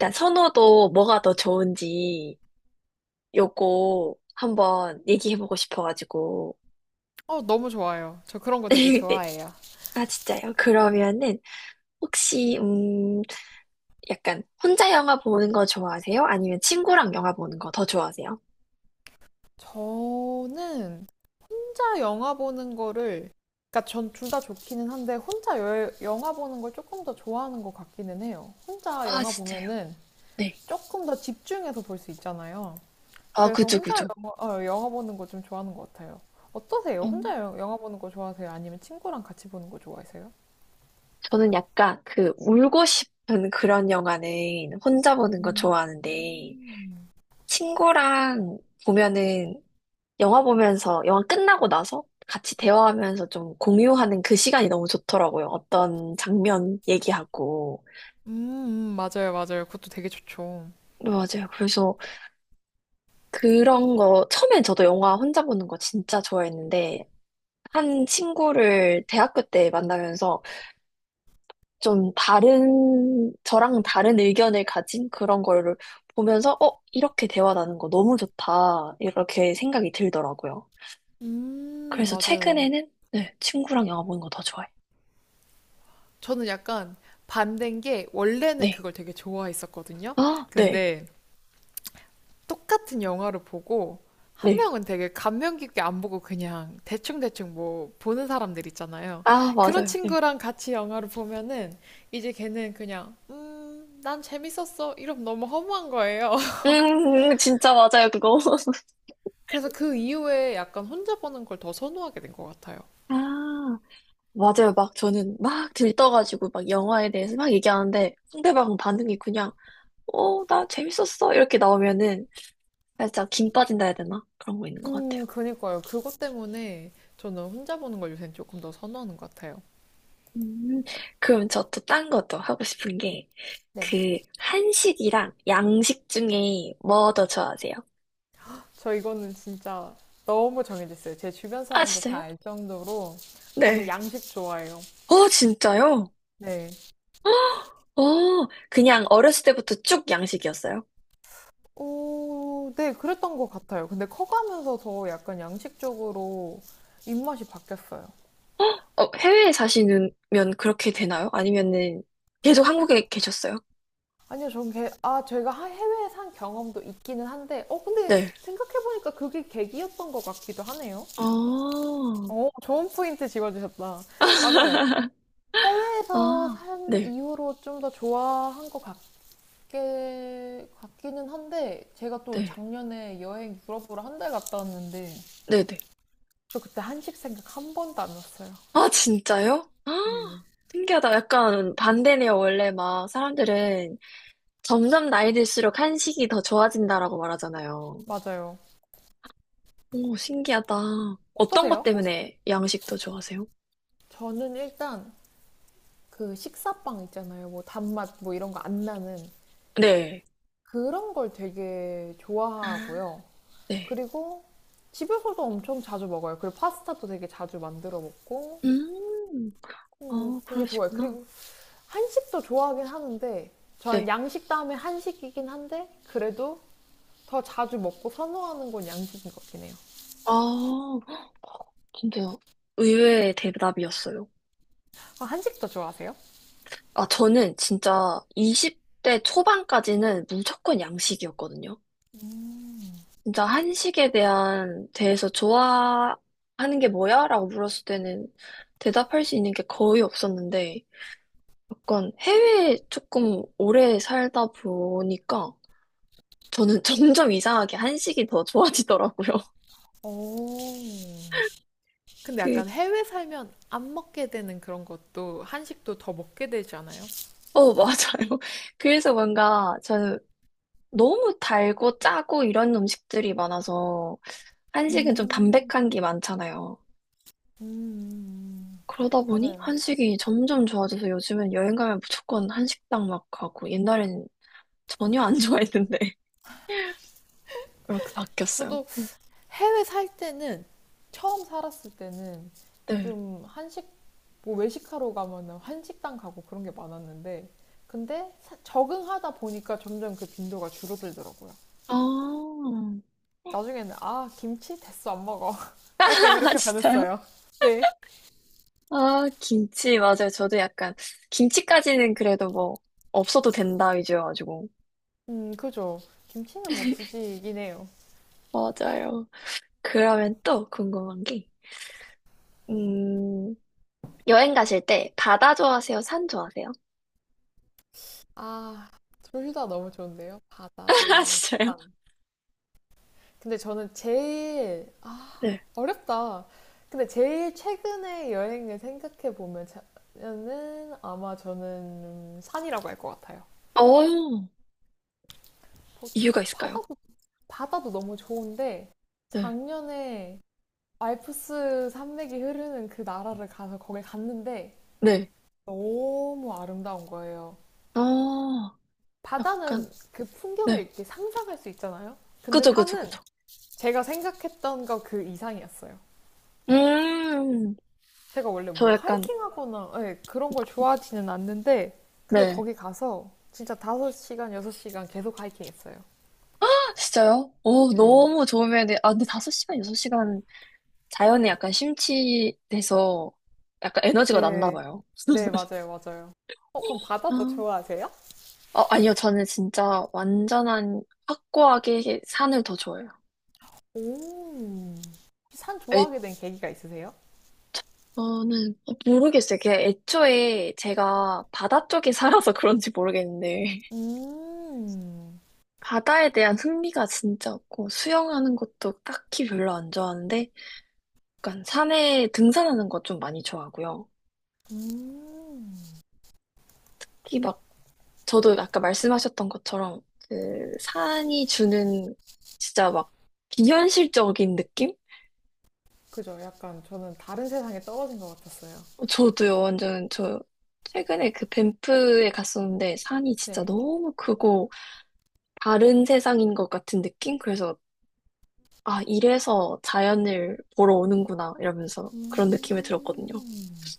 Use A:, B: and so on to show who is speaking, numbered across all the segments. A: 일단 선호도 뭐가 더 좋은지 요거 한번 얘기해보고 싶어가지고.
B: 어, 너무 좋아요. 저 그런 거 되게
A: 네.
B: 좋아해요.
A: 아, 진짜요? 그러면은 혹시 약간 혼자 영화 보는 거 좋아하세요? 아니면 친구랑 영화 보는 거 더 좋아하세요?
B: 저는 혼자 영화 보는 거를, 그러니까 전 둘 다 좋기는 한데, 혼자 영화 보는 걸 조금 더 좋아하는 것 같기는 해요. 혼자
A: 아,
B: 영화
A: 진짜요?
B: 보면은
A: 네.
B: 조금 더 집중해서 볼 수 있잖아요.
A: 아,
B: 그래서
A: 그죠,
B: 혼자
A: 그죠.
B: 영화, 어, 영화 보는 거 좀 좋아하는 것 같아요. 어떠세요?
A: 음.
B: 혼자 영화 보는 거 좋아하세요? 아니면 친구랑 같이 보는 거 좋아하세요?
A: 저는 약간 그 울고 싶은 그런 영화는 혼자 보는 거
B: 음,
A: 좋아하는데 친구랑 보면은 영화 보면서, 영화 끝나고 나서 같이 대화하면서 좀 공유하는 그 시간이 너무 좋더라고요. 어떤 장면 얘기하고.
B: 맞아요, 맞아요. 그것도 되게 좋죠.
A: 네, 맞아요. 그래서 그런 거, 처음엔 저도 영화 혼자 보는 거 진짜 좋아했는데, 한 친구를 대학교 때 만나면서 좀 다른, 저랑 다른 의견을 가진 그런 거를 보면서, 어, 이렇게 대화 나눈 거 너무 좋다. 이렇게 생각이 들더라고요. 그래서
B: 맞아요.
A: 최근에는, 네, 친구랑 영화 보는 거 더 좋아해요.
B: 저는 약간 반대인 게 원래는
A: 네.
B: 그걸 되게 좋아했었거든요.
A: 아, 네.
B: 근데 똑같은 영화를 보고 한
A: 네.
B: 명은 되게 감명 깊게 안 보고 그냥 대충대충 뭐 보는 사람들 있잖아요.
A: 아,
B: 그런
A: 맞아요. 네.
B: 친구랑 같이 영화를 보면은 이제 걔는 그냥 난 재밌었어. 이러면 너무 허무한 거예요.
A: 진짜 맞아요, 그거.
B: 그래서 그 이후에 약간 혼자 보는 걸 더 선호하게 된 것 같아요.
A: 아, 맞아요. 막 저는 막 들떠가지고 막 영화에 대해서 막 얘기하는데 상대방 반응이 그냥, 어, 나 재밌었어. 이렇게 나오면은 살짝 김 빠진다 해야 되나? 그런 거 있는 것 같아요.
B: 그니까요. 그것 때문에 저는 혼자 보는 걸 요새 조금 더 선호하는 것 같아요.
A: 음, 그럼 저 또 딴 것도 하고 싶은 게,
B: 네.
A: 그, 한식이랑 양식 중에 뭐 더 좋아하세요?
B: 저 이거는 진짜 너무 정해졌어요. 제 주변
A: 아,
B: 사람도 다
A: 진짜요?
B: 알 정도로 저는
A: 네.
B: 양식 좋아해요.
A: 어, 진짜요?
B: 네.
A: 어, 그냥 어렸을 때부터 쭉 양식이었어요?
B: 오, 네, 그랬던 것 같아요. 근데 커가면서 더 약간 양식 쪽으로 입맛이 바뀌었어요.
A: 어, 해외에 사시면 그렇게 되나요? 아니면은 계속 한국에 계셨어요?
B: 아니요, 전 개. 아, 제가 해외에 산 경험도 있기는 한데, 어, 근데
A: 네.
B: 생각해보니까 그게 계기였던 것 같기도 하네요.
A: 아,
B: 어, 좋은 포인트 집어주셨다. 맞아요.
A: 아,
B: 해외에서 산
A: 네,
B: 이후로 좀 더 좋아한 것 같긴 꽤 같기는 한데 제가 또
A: 네,
B: 작년에 여행 유럽으로 한 달 갔다 왔는데
A: 네네.
B: 저 그때 한식 생각 한 번도 안 났어요.
A: 아, 진짜요? 아, 신기하다. 약간 반대네요. 원래 막 사람들은 점점 나이 들수록 한식이 더 좋아진다라고 말하잖아요.
B: 맞아요.
A: 오, 신기하다. 어떤 것
B: 어떠세요? 한식?
A: 때문에 양식 더 좋아하세요?
B: 저는 일단 그 식사빵 있잖아요. 뭐 단맛 뭐 이런 거 안 나는
A: 네.
B: 그런 걸 되게
A: 아,
B: 좋아하고요.
A: 네.
B: 그리고 집에서도 엄청 자주 먹어요. 그리고 파스타도 되게 자주 만들어 먹고
A: 음, 아,
B: 되게 좋아요.
A: 그러시구나.
B: 그리고 한식도 좋아하긴 하는데 저는
A: 네.
B: 양식 다음에 한식이긴 한데 그래도 더 자주 먹고 선호하는 건 양식인 것 같긴 해요.
A: 아, 진짜 의외의 대답이었어요.
B: 아, 한식도 좋아하세요?
A: 아, 저는 진짜 20대 초반까지는 무조건 양식이었거든요. 진짜 한식에 대해서 좋아하는 게 뭐야? 라고 물었을 때는 대답할 수 있는 게 거의 없었는데, 약간 해외에 조금 오래 살다 보니까 저는 점점 이상하게 한식이 더 좋아지더라고요.
B: 오. 근데
A: 그,
B: 약간 해외 살면 안 먹게 되는 그런 것도 한식도 더 먹게 되지 않아요?
A: 어, 맞아요. 그래서 뭔가 저는 너무 달고 짜고 이런 음식들이 많아서 한식은 좀
B: 음,
A: 담백한 게 많잖아요.
B: 음, 음.
A: 그러다 보니
B: 맞아요.
A: 한식이 점점 좋아져서 요즘은 여행 가면 무조건 한식당 막 가고 옛날엔 전혀 안 좋아했는데 그렇게 바뀌었어요.
B: 저도 해외 살 때는 처음 살았을 때는
A: 네.
B: 좀 한식 뭐 외식하러 가면은 한식당 가고 그런 게 많았는데 근데 적응하다 보니까 점점 그 빈도가 줄어들더라고요.
A: 아,
B: 나중에는 아, 김치 됐어, 안 먹어. 약간
A: 아,
B: 이렇게
A: 진짜요?
B: 변했어요. 네.
A: 아, 김치, 맞아요. 저도 약간, 김치까지는 그래도 뭐, 없어도 된다 위주여가지고.
B: 그죠. 김치는 뭐 굳이이긴 해요.
A: 맞아요. 그러면 또 궁금한 게, 음, 여행 가실 때 바다 좋아하세요? 산 좋아하세요?
B: 아, 둘 다 너무 좋은데요? 바다
A: 아,
B: 대
A: 진짜요?
B: 산. 근데 저는 제일, 아,
A: 네.
B: 어렵다. 근데 제일 최근에 여행을 생각해 보면, 는 아마 저는 산이라고 할 것 같아요.
A: 어,
B: 뭐,
A: 이유가 있을까요?
B: 바다도, 바다도 너무 좋은데,
A: 네.
B: 작년에 알프스 산맥이 흐르는 그 나라를 가서 거길 갔는데,
A: 네.
B: 너무 아름다운 거예요.
A: 어,
B: 바다는
A: 약간,
B: 그 풍경을
A: 네.
B: 이렇게 상상할 수 있잖아요. 근데
A: 그죠, 그죠,
B: 산은
A: 그죠.
B: 제가 생각했던 거 그 이상이었어요.
A: 음,
B: 제가 원래
A: 저
B: 뭐
A: 약간,
B: 하이킹하거나 예, 그런 걸 좋아하지는 않는데 근데
A: 네.
B: 거기 가서 진짜 5시간 6시간 계속 하이킹했어요.
A: 아, 진짜요? 어,
B: 네.
A: 너무 좋으면, 돼. 아, 근데 5시간, 6시간 자연에 약간 심취돼서 약간 에너지가 났나
B: 네,
A: 봐요.
B: 네, 맞아요, 맞아요. 어, 그럼 바다도
A: 아,
B: 좋아하세요?
A: 어, 아니요, 저는 진짜 완전한 확고하게 산을 더 좋아해요.
B: 오, 산 좋아하게 된 계기가 있으세요?
A: 저는 어, 모르겠어요. 그냥 애초에 제가 바다 쪽에 살아서 그런지 모르겠는데
B: 음,
A: 바다에 대한 흥미가 진짜 없고 수영하는 것도 딱히 별로 안 좋아하는데 약간 산에 등산하는 것 좀 많이 좋아하고요.
B: 음.
A: 특히 막 저도 아까 말씀하셨던 것처럼 그 산이 주는 진짜 막 비현실적인 느낌?
B: 그죠? 약간 저는 다른 세상에 떨어진 것 같았어요.
A: 어, 저도요. 완전 저 최근에 그 밴프에 갔었는데 산이 진짜
B: 네.
A: 너무 크고 다른 세상인 것 같은 느낌? 그래서 아, 이래서 자연을 보러 오는구나, 이러면서 그런 느낌이 들었거든요.
B: 음...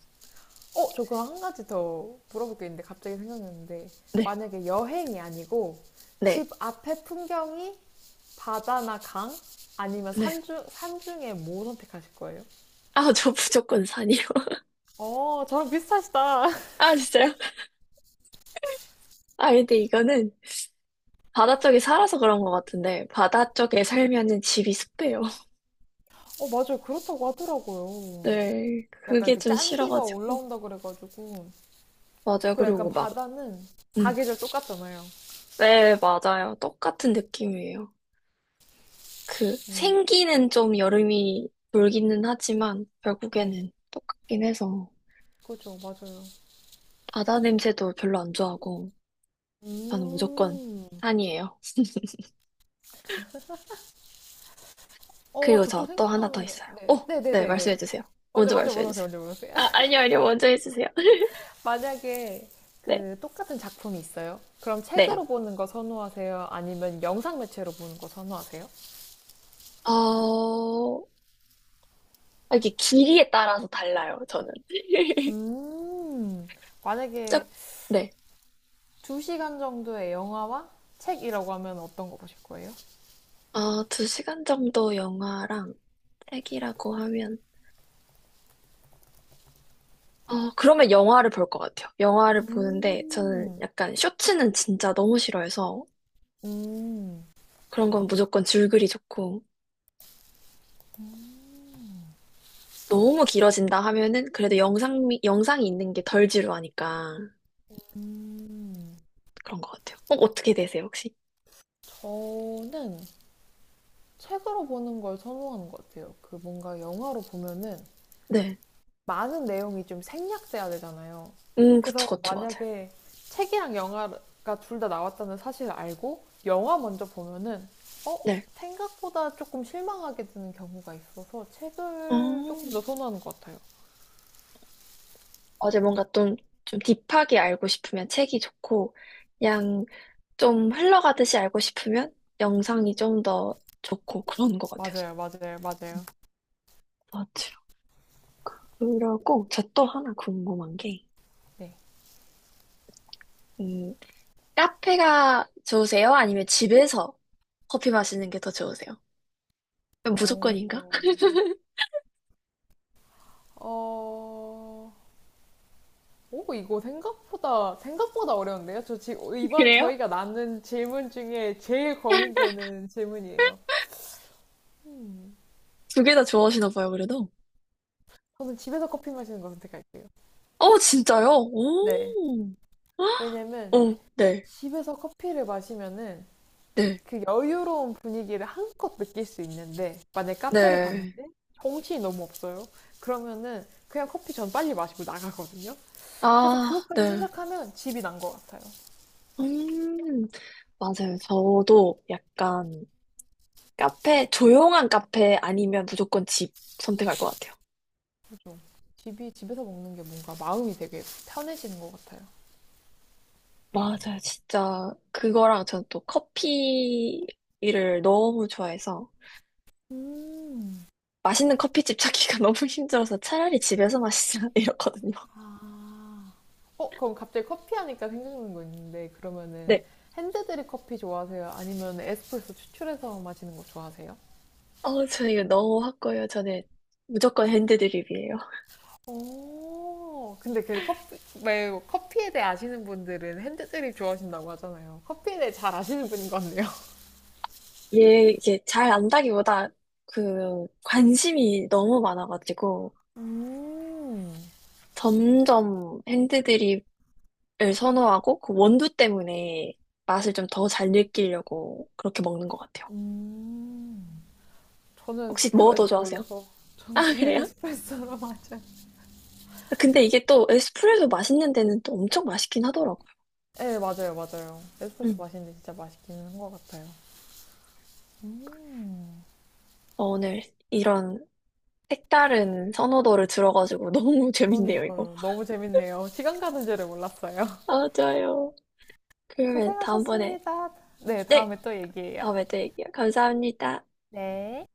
B: 어, 저 그럼 한 가지 더 물어볼 게 있는데 갑자기 생각났는데
A: 네,
B: 만약에 여행이 아니고
A: 네,
B: 집 앞에 풍경이 바다나 강 아니면
A: 네.
B: 산중에 뭐 선택하실 거예요?
A: 아, 저 무조건 산이요.
B: 어, 저랑 비슷하시다.
A: 아, 진짜요? 아, 근데 이거는 바다 쪽에 살아서 그런 것 같은데, 바다 쪽에 살면은 집이 습해요.
B: 어, 맞아요. 그렇다고 하더라고요.
A: 네,
B: 약간
A: 그게
B: 그
A: 좀
B: 짠기가
A: 싫어가지고.
B: 올라온다 그래가지고
A: 맞아요.
B: 그리고 약간
A: 그리고 막,
B: 바다는
A: 음.
B: 사계절 똑같잖아요.
A: 네, 맞아요. 똑같은 느낌이에요. 그,
B: 음,
A: 생기는 좀 여름이 돌기는 하지만,
B: 네,
A: 결국에는 똑같긴 해서,
B: 그죠, 맞아요.
A: 바다 냄새도 별로 안 좋아하고, 저는 무조건
B: 음.
A: 산이에요.
B: 어,
A: 그리고
B: 저 또
A: 저 또 하나 더
B: 생각나는 거.
A: 있어요.
B: 네.
A: 오, 네,
B: 네네네네.
A: 말씀해 주세요.
B: 먼저,
A: 먼저
B: 먼저
A: 말씀해
B: 물어보세요,
A: 주세요.
B: 먼저 물어보세요.
A: 아, 아니요, 아니요, 먼저 해주세요.
B: 만약에
A: 네,
B: 그 똑같은 작품이 있어요? 그럼
A: 네.
B: 책으로 보는 거 선호하세요? 아니면 영상 매체로 보는 거 선호하세요?
A: 어, 아, 이게 길이에 따라서 달라요, 저는.
B: 음. 만약에
A: 쭉, 네.
B: 2시간 정도의 영화와 책이라고 하면 어떤 거 보실 거예요?
A: 어, 2시간 정도 영화랑 책이라고 하면, 어, 그러면 영화를 볼 것 같아요. 영화를 보는데, 저는
B: 음.
A: 약간 쇼츠는 진짜 너무 싫어해서,
B: 음.
A: 그런 건 무조건 줄거리 좋고, 너무 길어진다 하면은 그래도 영상이 있는 게 덜 지루하니까
B: 음.
A: 그런 것 같아요. 어, 어떻게 되세요, 혹시?
B: 저는 책으로 보는 걸 선호하는 것 같아요. 그 뭔가 영화로 보면은
A: 네.
B: 많은 내용이 좀 생략돼야 되잖아요. 그래서
A: 그쵸, 그쵸, 맞아요.
B: 만약에 책이랑 영화가 둘 다 나왔다는 사실을 알고 영화 먼저 보면은 어?
A: 네.
B: 생각보다 조금 실망하게 되는 경우가 있어서 책을 조금
A: 어,
B: 더 선호하는 것 같아요.
A: 어제 뭔가 좀, 좀 딥하게 알고 싶으면 책이 좋고, 그냥 좀 흘러가듯이 알고 싶으면 영상이 좀 더 좋고 그런 것 같아요.
B: 맞아요, 맞아요, 맞아요.
A: 맞아요. 그리고 저 또 하나 궁금한 게,
B: 네.
A: 음, 카페가 좋으세요? 아니면 집에서 커피 마시는 게 더 좋으세요?
B: 어,
A: 무조건인가?
B: 어, 오, 이거 생각보다 어려운데요? 저 지금, 이번
A: 그래요?
B: 저희가 나눈 질문 중에 제일 고민되는 질문이에요.
A: 두 개 다 좋아하시나 봐요, 그래도.
B: 저는 집에서 커피 마시는 거 선택할게요.
A: 어, 진짜요?
B: 네.
A: 오.
B: 왜냐면
A: 어, 네,
B: 집에서 커피를 마시면은
A: 네,
B: 그 여유로운 분위기를 한껏 느낄 수 있는데 만약에 카페를
A: 네.
B: 갔는데 정신이 너무 없어요. 그러면은 그냥 커피 전 빨리 마시고 나가거든요. 그래서
A: 아,
B: 그것까지
A: 네.
B: 생각하면 집이 난 것 같아요.
A: 음, 맞아요. 저도 약간 카페, 조용한 카페 아니면 무조건 집 선택할 것 같아요.
B: 좀 집이 집에서 먹는 게 뭔가 마음이 되게 편해지는 것 같아요.
A: 맞아요. 진짜 그거랑 저는 또 커피를 너무 좋아해서
B: 음.
A: 맛있는 커피집 찾기가 너무 힘들어서 차라리 집에서 마시자 이러거든요.
B: 아. 어, 그럼 갑자기 커피 하니까 생각나는 거 있는데 그러면은
A: 네.
B: 핸드드립 커피 좋아하세요? 아니면 에스프레소 추출해서 마시는 거 좋아하세요?
A: 어, 저 이거 너무 확고해요. 저는 무조건 핸드드립이에요.
B: 오. 근데 그 커피, 왜 커피에 대해 아시는 분들은 핸드 드립 좋아하신다고 하잖아요. 커피에 대해 잘 아시는 분인 것 같네요.
A: 얘 이게 잘 안다기보다 그 관심이 너무 많아가지고
B: 음,
A: 점점 핸드드립을 선호하고 그 원두 때문에 맛을 좀 더 잘 느끼려고 그렇게 먹는 것 같아요.
B: 음. 저는
A: 혹시
B: 커피
A: 뭐
B: 마실
A: 더
B: 줄
A: 좋아하세요?
B: 몰라서 저는
A: 아,
B: 그냥
A: 그래요?
B: 에스프레소로 마셔요.
A: 아, 근데 이게 또 에스프레소 맛있는 데는 또 엄청 맛있긴 하더라고요.
B: 네, 맞아요, 맞아요. 에스프레소
A: 음.
B: 마시는데 진짜 맛있기는 한 것 같아요.
A: 어, 오늘 이런 색다른 선호도를 들어가지고 너무 재밌네요, 이거.
B: 그러니까요. 너무 재밌네요. 시간 가는 줄을 몰랐어요.
A: 아, 좋아요. 그러면 다음번에
B: 고생하셨습니다. 네, 다음에 또 얘기해요.
A: 다음에 또 얘기해요. 감사합니다.
B: 네.